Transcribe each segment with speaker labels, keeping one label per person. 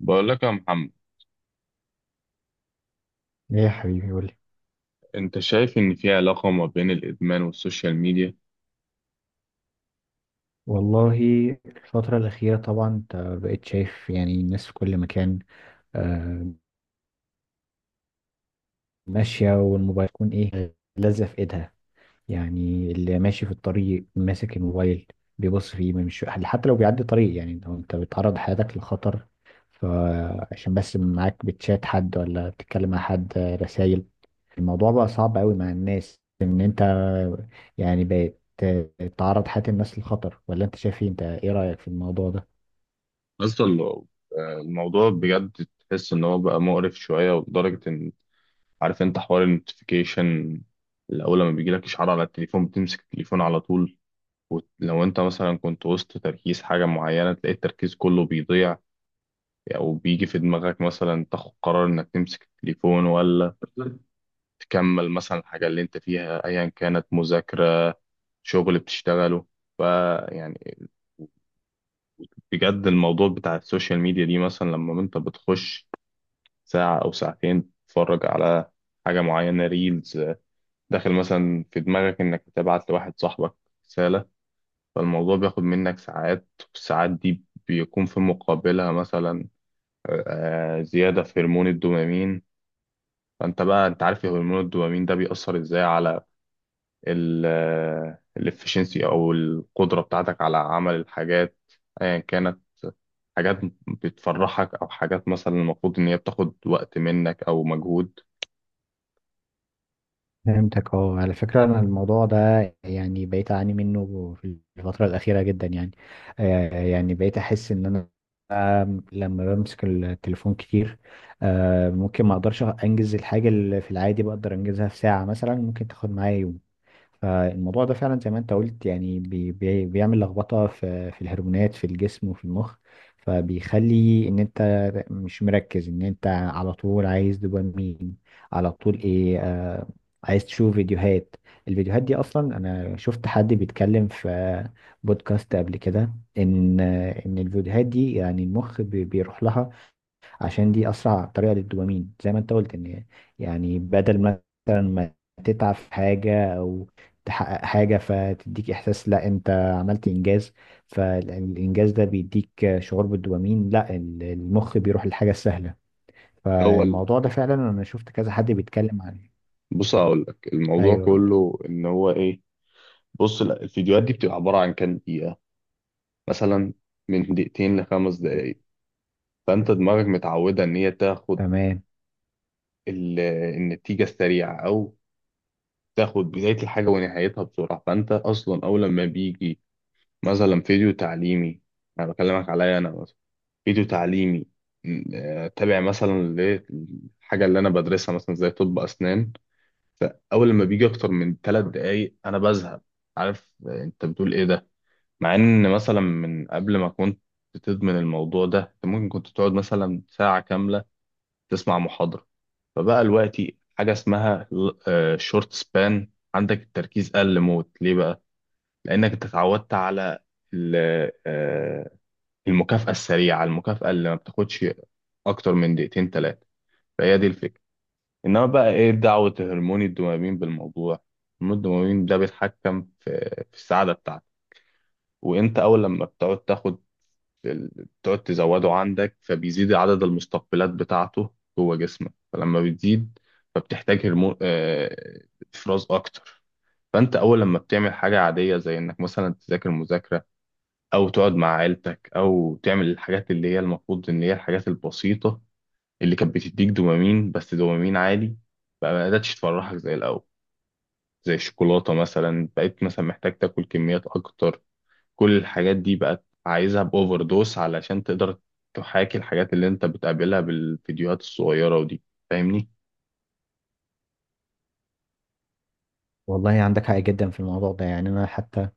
Speaker 1: بقول لك يا محمد،
Speaker 2: ايه يا حبيبي، قولي.
Speaker 1: انت شايف ان في علاقة ما بين الادمان والسوشيال ميديا؟
Speaker 2: والله، الفترة الأخيرة طبعا انت بقيت شايف يعني الناس في كل مكان، آه، ماشية والموبايل يكون ايه لازق في ايدها. يعني اللي ماشي في الطريق ماسك الموبايل بيبص فيه، ما مش حتى لو بيعدي طريق، يعني انت بتعرض حياتك للخطر، فعشان بس معاك بتشات حد ولا بتتكلم مع حد رسايل. الموضوع بقى صعب قوي مع الناس، ان انت يعني بقيت تعرض حياة الناس للخطر. ولا انت شايف ايه؟ انت ايه رأيك في الموضوع ده؟
Speaker 1: اصلا لو- آه، الموضوع بجد تحس ان هو بقى مقرف شوية، ولدرجة ان عارف انت حوار النوتيفيكيشن. الاول لما بيجي لك اشعار على التليفون بتمسك التليفون على طول، ولو انت مثلا كنت وسط تركيز حاجة معينة تلاقي التركيز كله بيضيع، او بيجي في دماغك مثلا تاخد قرار انك تمسك التليفون ولا تكمل مثلا الحاجة اللي انت فيها ايا كانت مذاكرة، شغل بتشتغله. فيعني بجد الموضوع بتاع السوشيال ميديا دي، مثلا لما انت بتخش ساعة او ساعتين تتفرج على حاجة معينة ريلز، داخل مثلا في دماغك انك تبعت لواحد صاحبك رسالة، فالموضوع بياخد منك ساعات. والساعات دي بيكون في مقابلها مثلا زيادة في هرمون الدوبامين. فانت بقى انت عارف هرمون الدوبامين ده بيأثر ازاي على الافشنسي او القدرة بتاعتك على عمل الحاجات ايا كانت. حاجات بتفرحك، او حاجات مثلا المفروض ان هي بتاخد وقت منك او مجهود.
Speaker 2: فهمتك. اه، على فكرة أنا الموضوع ده يعني بقيت أعاني منه في الفترة الأخيرة جدا. يعني بقيت أحس إن أنا، لما بمسك التليفون كتير، ممكن ما أقدرش أنجز الحاجة اللي في العادي بقدر أنجزها في ساعة، مثلا ممكن تاخد معايا يوم. فالموضوع ده فعلا زي ما انت قلت، يعني بي بي بيعمل لخبطة في الهرمونات في الجسم وفي المخ. فبيخلي ان انت مش مركز، ان انت على طول عايز دوبامين على طول، ايه عايز تشوف فيديوهات. الفيديوهات دي اصلا انا شفت حد بيتكلم في بودكاست قبل كده ان ان الفيديوهات دي يعني المخ بيروح لها عشان دي اسرع طريقه للدوبامين، زي ما انت قلت، ان يعني بدل مثلا ما تتعب في حاجه او تحقق حاجه فتديك احساس لا انت عملت انجاز، فالانجاز ده بيديك شعور بالدوبامين، لا المخ بيروح للحاجه السهله.
Speaker 1: هو ال-
Speaker 2: فالموضوع ده فعلا انا شفت كذا حد بيتكلم عنه.
Speaker 1: بص هقول لك الموضوع
Speaker 2: ايوه، قول
Speaker 1: كله ان هو ايه. بص، لا، الفيديوهات دي بتبقى عبارة عن كام دقيقة؟ مثلا من دقيقتين لخمس
Speaker 2: لي.
Speaker 1: دقايق. فانت دماغك متعودة ان هي
Speaker 2: تمام.
Speaker 1: ال- النتيجة السريعة، او تاخد بداية الحاجة ونهايتها بسرعة. فانت اصلا اول لما بيجي مثلا فيديو تعليمي، انا بكلمك عليا انا مثلا، فيديو تعليمي تابع مثلا للحاجة اللي أنا بدرسها، مثلا زي طب أسنان، فأول لما بيجي أكتر من ثلاث دقايق أنا بزهق. عارف آه، أنت بتقول إيه ده؟ مع إن مثلا من قبل ما كنت تدمن الموضوع ده أنت ممكن كنت تقعد مثلا ساعة كاملة تسمع محاضرة. فبقى دلوقتي حاجة اسمها شورت سبان، عندك التركيز قل موت. ليه بقى؟ لأنك أنت اتعودت على المكافأة السريعة، المكافأة اللي ما بتاخدش أكتر من دقيقتين تلاتة. فهي دي الفكرة. إنما بقى إيه دعوة هرمون الدوبامين بالموضوع؟ هرمون الدوبامين ده بيتحكم في السعادة بتاعتك. وأنت أول لما ال- بتقعد تزوده عندك، فبيزيد عدد المستقبلات بتاعته جوه جسمك. فلما بتزيد، فبتحتاج هرمون آه، إفراز أكتر. فأنت أول لما بتعمل حاجة عادية، زي إنك مثلا تذاكر مذاكرة، او تقعد مع عيلتك، او تعمل الحاجات اللي هي المفروض ان هي الحاجات البسيطه اللي كانت بتديك دوبامين، بس دوبامين عالي، بقى ما قدرتش تفرحك زي الاول. زي الشوكولاته مثلا، بقيت مثلا محتاج تاكل كميات اكتر. كل الحاجات دي بقت عايزها باوفر دوس علشان تقدر تحاكي الحاجات اللي انت بتقابلها بالفيديوهات الصغيره ودي. فاهمني؟
Speaker 2: والله عندك حق جدا في الموضوع ده. يعني انا حتى،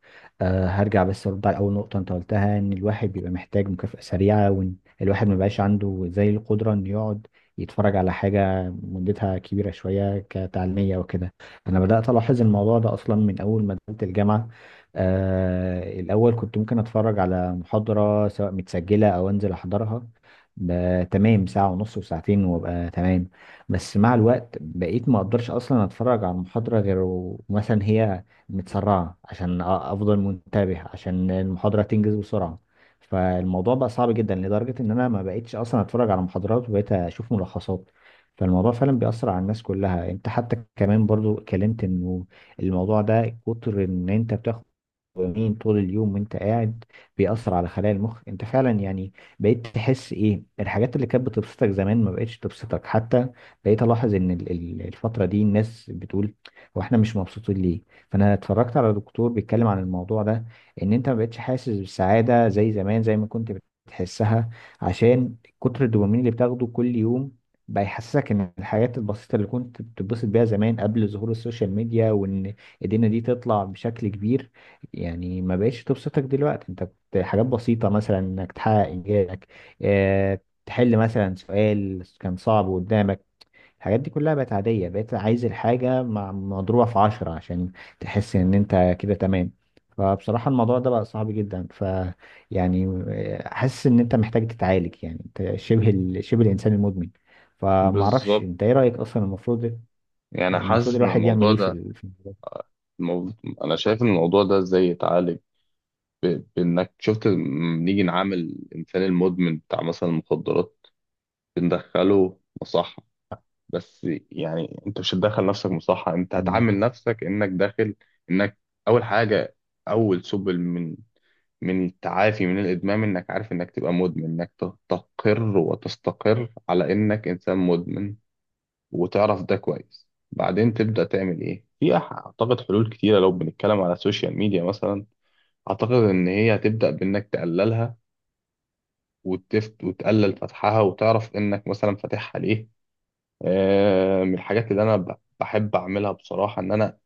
Speaker 2: هرجع بس ارد على اول نقطه انت قلتها ان الواحد بيبقى محتاج مكافاه سريعه، وان الواحد ما بقاش عنده زي القدره ان يقعد يتفرج على حاجه مدتها كبيره شويه كتعليميه وكده. انا بدات الاحظ الموضوع ده اصلا من اول ما دخلت الجامعه. آه الاول كنت ممكن اتفرج على محاضره، سواء متسجله او انزل احضرها، تمام ساعه ونص وساعتين وابقى تمام. بس مع الوقت بقيت ما اقدرش اصلا اتفرج على المحاضرة غير مثلا هي متسرعة عشان افضل منتبه عشان المحاضرة تنجز بسرعة. فالموضوع بقى صعب جدا لدرجة ان انا ما بقيتش اصلا اتفرج على محاضرات، وبقيت اشوف ملخصات. فالموضوع فعلا بيأثر على الناس كلها. انت حتى كمان برضو اتكلمت انه الموضوع ده كتر ان انت بتاخد دوبامين طول اليوم وانت قاعد بيأثر على خلايا المخ. انت فعلا يعني بقيت تحس ايه، الحاجات اللي كانت بتبسطك زمان ما بقتش تبسطك. حتى بقيت الاحظ ان الفترة دي الناس بتقول هو احنا مش مبسوطين ليه. فانا اتفرجت على دكتور بيتكلم عن الموضوع ده، ان انت ما بقتش حاسس بالسعادة زي زمان، زي ما كنت بتحسها، عشان كتر الدوبامين اللي بتاخده كل يوم بقى يحسسك ان الحاجات البسيطة اللي كنت بتتبسط بيها زمان قبل ظهور السوشيال ميديا، وان ايدينا دي تطلع بشكل كبير يعني ما بقتش تبسطك دلوقتي. انت كنت حاجات بسيطة مثلا انك تحقق انجازك، اه، تحل مثلا سؤال كان صعب قدامك، الحاجات دي كلها بقت عادية. بقيت عايز الحاجة مع مضروبة في عشرة عشان تحس ان انت كده تمام. فبصراحة الموضوع ده بقى صعب جدا. يعني حاسس ان انت محتاج تتعالج، يعني انت شبه الانسان المدمن. فمعرفش
Speaker 1: بالظبط.
Speaker 2: انت ايه رأيك، اصلا المفروض
Speaker 1: يعني
Speaker 2: المفروض
Speaker 1: حاسس ان
Speaker 2: الواحد يعمل
Speaker 1: الموضوع
Speaker 2: ايه
Speaker 1: ده،
Speaker 2: في الموضوع
Speaker 1: الموضوع، انا شايف ان الموضوع ده ازاي يتعالج؟ بإنك شفت، نيجي نعامل الإنسان المدمن بتاع مثلا المخدرات، بندخله مصحة. بس يعني أنت مش هتدخل نفسك مصحة، أنت هتعامل
Speaker 2: ده؟
Speaker 1: نفسك إنك أول حاجة، أول سبل من التعافي من الإدمان، إنك عارف إنك تبقى مدمن، إنك تستقر وتستقر على إنك إنسان مدمن، وتعرف ده كويس. بعدين تبدأ تعمل إيه؟ أعتقد حلول كتيرة. لو بنتكلم على السوشيال ميديا مثلا، أعتقد إن هي هتبدأ بإنك تقللها، وتفت وتقلل فتحها، وتعرف انك مثلا فاتحها ليه. من الحاجات اللي انا بحب اعملها بصراحة ان انا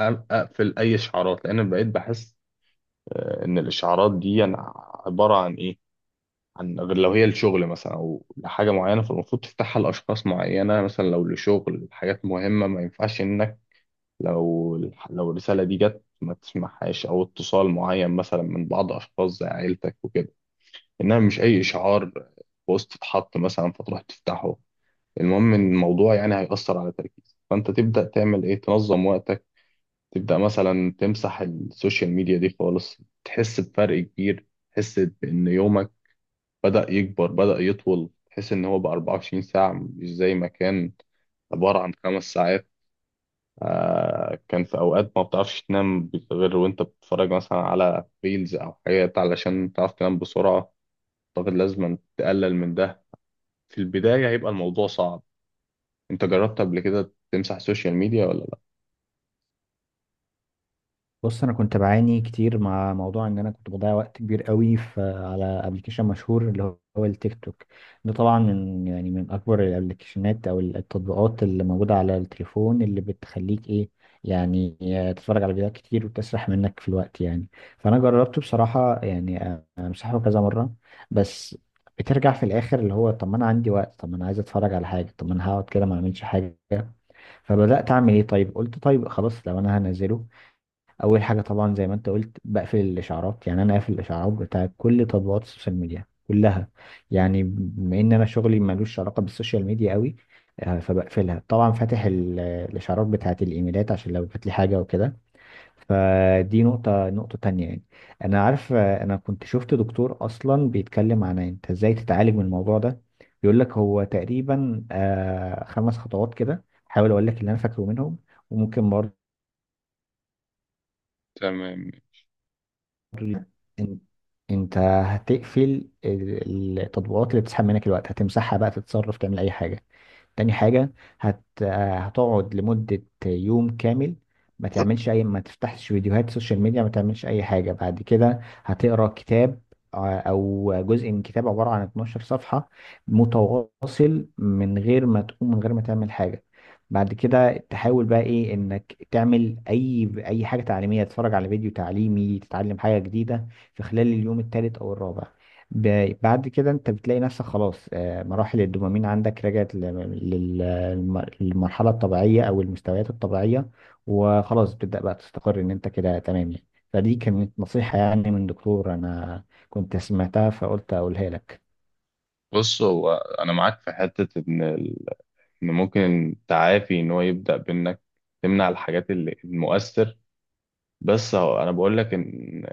Speaker 1: أ- اقفل اي اشعارات، لان بقيت بحس ان الاشعارات دي أنا عبارة عن ايه؟ عن غير لو هي لشغل مثلا او لحاجة معينة، فالمفروض تفتحها لاشخاص معينة، مثلا لو لشغل حاجات مهمة ما ينفعش انك لو لو الرسالة دي جت ما تسمعهاش، او اتصال معين مثلا من بعض اشخاص زي عيلتك وكده، انها مش اي اشعار بوست اتحط مثلا فتروح تفتحه. المهم ان الموضوع يعني هيأثر على تركيزك، فانت تبدأ تعمل ايه؟ تنظم وقتك، تبدأ مثلا تمسح السوشيال ميديا دي خالص، تحس بفرق كبير، تحس بان يومك بدأ يكبر، بدأ يطول، تحس ان هو بقى 24 ساعة، مش زي ما كان عبارة عن خمس ساعات. آه، كان في اوقات ما بتعرفش تنام غير وانت بتتفرج مثلا على ريلز او حاجات علشان تعرف تنام بسرعة. اعتقد لازم تقلل من ده. في البداية هيبقى الموضوع صعب. انت جربت قبل كده تمسح السوشيال ميديا ولا لا؟
Speaker 2: بص انا كنت بعاني كتير مع موضوع ان انا كنت بضيع وقت كبير قوي في، على ابلكيشن مشهور اللي هو التيك توك. ده طبعا من يعني من اكبر الابلكيشنات او التطبيقات اللي موجوده على التليفون، اللي بتخليك ايه يعني تتفرج على فيديوهات كتير وتسرح منك في الوقت يعني. فانا جربته بصراحه، يعني امسحه كذا مره، بس بترجع في الاخر اللي هو طب ما انا عندي وقت، طب ما انا عايز اتفرج على حاجه، طب ما انا هقعد كده ما اعملش حاجه. فبدات اعمل ايه، طيب قلت طيب خلاص لو انا هنزله، اول حاجه طبعا زي ما انت قلت بقفل الاشعارات. يعني انا قافل الاشعارات بتاع كل تطبيقات السوشيال ميديا كلها، يعني بما ان انا شغلي ملوش علاقه بالسوشيال ميديا قوي. فبقفلها طبعا، فاتح الاشعارات بتاعه الايميلات عشان لو جات لي حاجه وكده. فدي نقطه تانية يعني، انا عارف، انا كنت شفت دكتور اصلا بيتكلم عن انت ازاي تتعالج من الموضوع ده. بيقول لك هو تقريبا خمس خطوات كده، حاول اقول لك اللي انا فاكره منهم. وممكن
Speaker 1: تمام.
Speaker 2: ال- إن- انت هتقفل التطبيقات اللي بتسحب منك الوقت، هتمسحها بقى تتصرف، تعمل اي حاجه. تاني حاجة هت... آه، هتقعد لمدة يوم كامل ما تعملش أي، ما تفتحش فيديوهات سوشيال ميديا، ما تعملش أي حاجة. بعد كده هتقرأ كتاب، أو جزء من كتاب عبارة عن 12 صفحة متواصل، من غير ما تقوم من غير ما تعمل حاجة. بعد كده تحاول بقى إيه، إنك تعمل أي حاجة تعليمية، تتفرج على فيديو تعليمي، تتعلم حاجة جديدة في خلال اليوم الثالث أو الرابع. بعد كده انت بتلاقي نفسك خلاص، مراحل الدوبامين عندك رجعت للمرحلة الطبيعية او المستويات الطبيعية. وخلاص بتبدأ بقى تستقر ان انت كده تمام يعني. فدي كانت نصيحة يعني من دكتور انا كنت سمعتها فقلت اقولها لك.
Speaker 1: بص، هو انا معاك في حته ان ان ممكن التعافي ان هو يبدا بانك تمنع الحاجات اللي المؤثر. بس هو انا بقول لك ان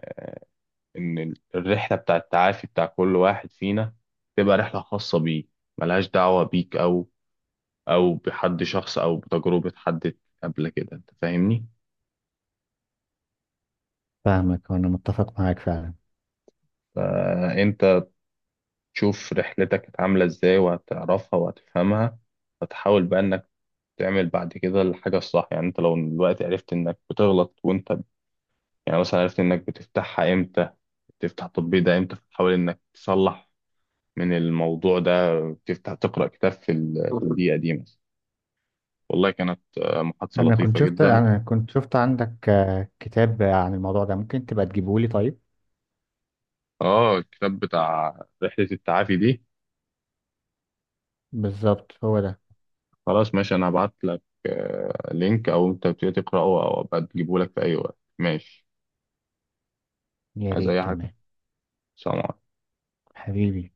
Speaker 1: ان الرحله بتاع التعافي بتاع كل واحد فينا تبقى رحله خاصه بيه، ملهاش دعوه بيك، او بحد شخص او بتجربه حد قبل كده، انت فاهمني.
Speaker 2: فاهمك وانا متفق معاك فعلا.
Speaker 1: فانت تشوف رحلتك كانت عاملة ازاي، وهتعرفها وهتفهمها، فتحاول بقى انك تعمل بعد كده الحاجة الصح. يعني انت لو دلوقتي عرفت انك بتغلط، وانت يعني مثلا عرفت انك بتفتحها امتى، بتفتح التطبيق ده امتى، فتحاول انك تصلح من الموضوع ده، تفتح تقرأ كتاب في في الدقيقة دي مثلا. والله كانت محادثة
Speaker 2: انا كنت
Speaker 1: لطيفة
Speaker 2: شفت،
Speaker 1: جدا.
Speaker 2: انا كنت شفت عندك كتاب عن الموضوع ده ممكن تبقى تجيبه لي طيب.
Speaker 1: اه، الكتاب بتاع رحلة التعافي دي؟
Speaker 2: بالظبط هو ده.
Speaker 1: خلاص ماشي، انا هبعت لك لينك، او انت بتقرأه او أبقى تجيبه لك في اي وقت، ماشي.
Speaker 2: يا
Speaker 1: عايز
Speaker 2: ريت،
Speaker 1: اي حاجة؟
Speaker 2: تمام.
Speaker 1: سلام.
Speaker 2: حبيبي.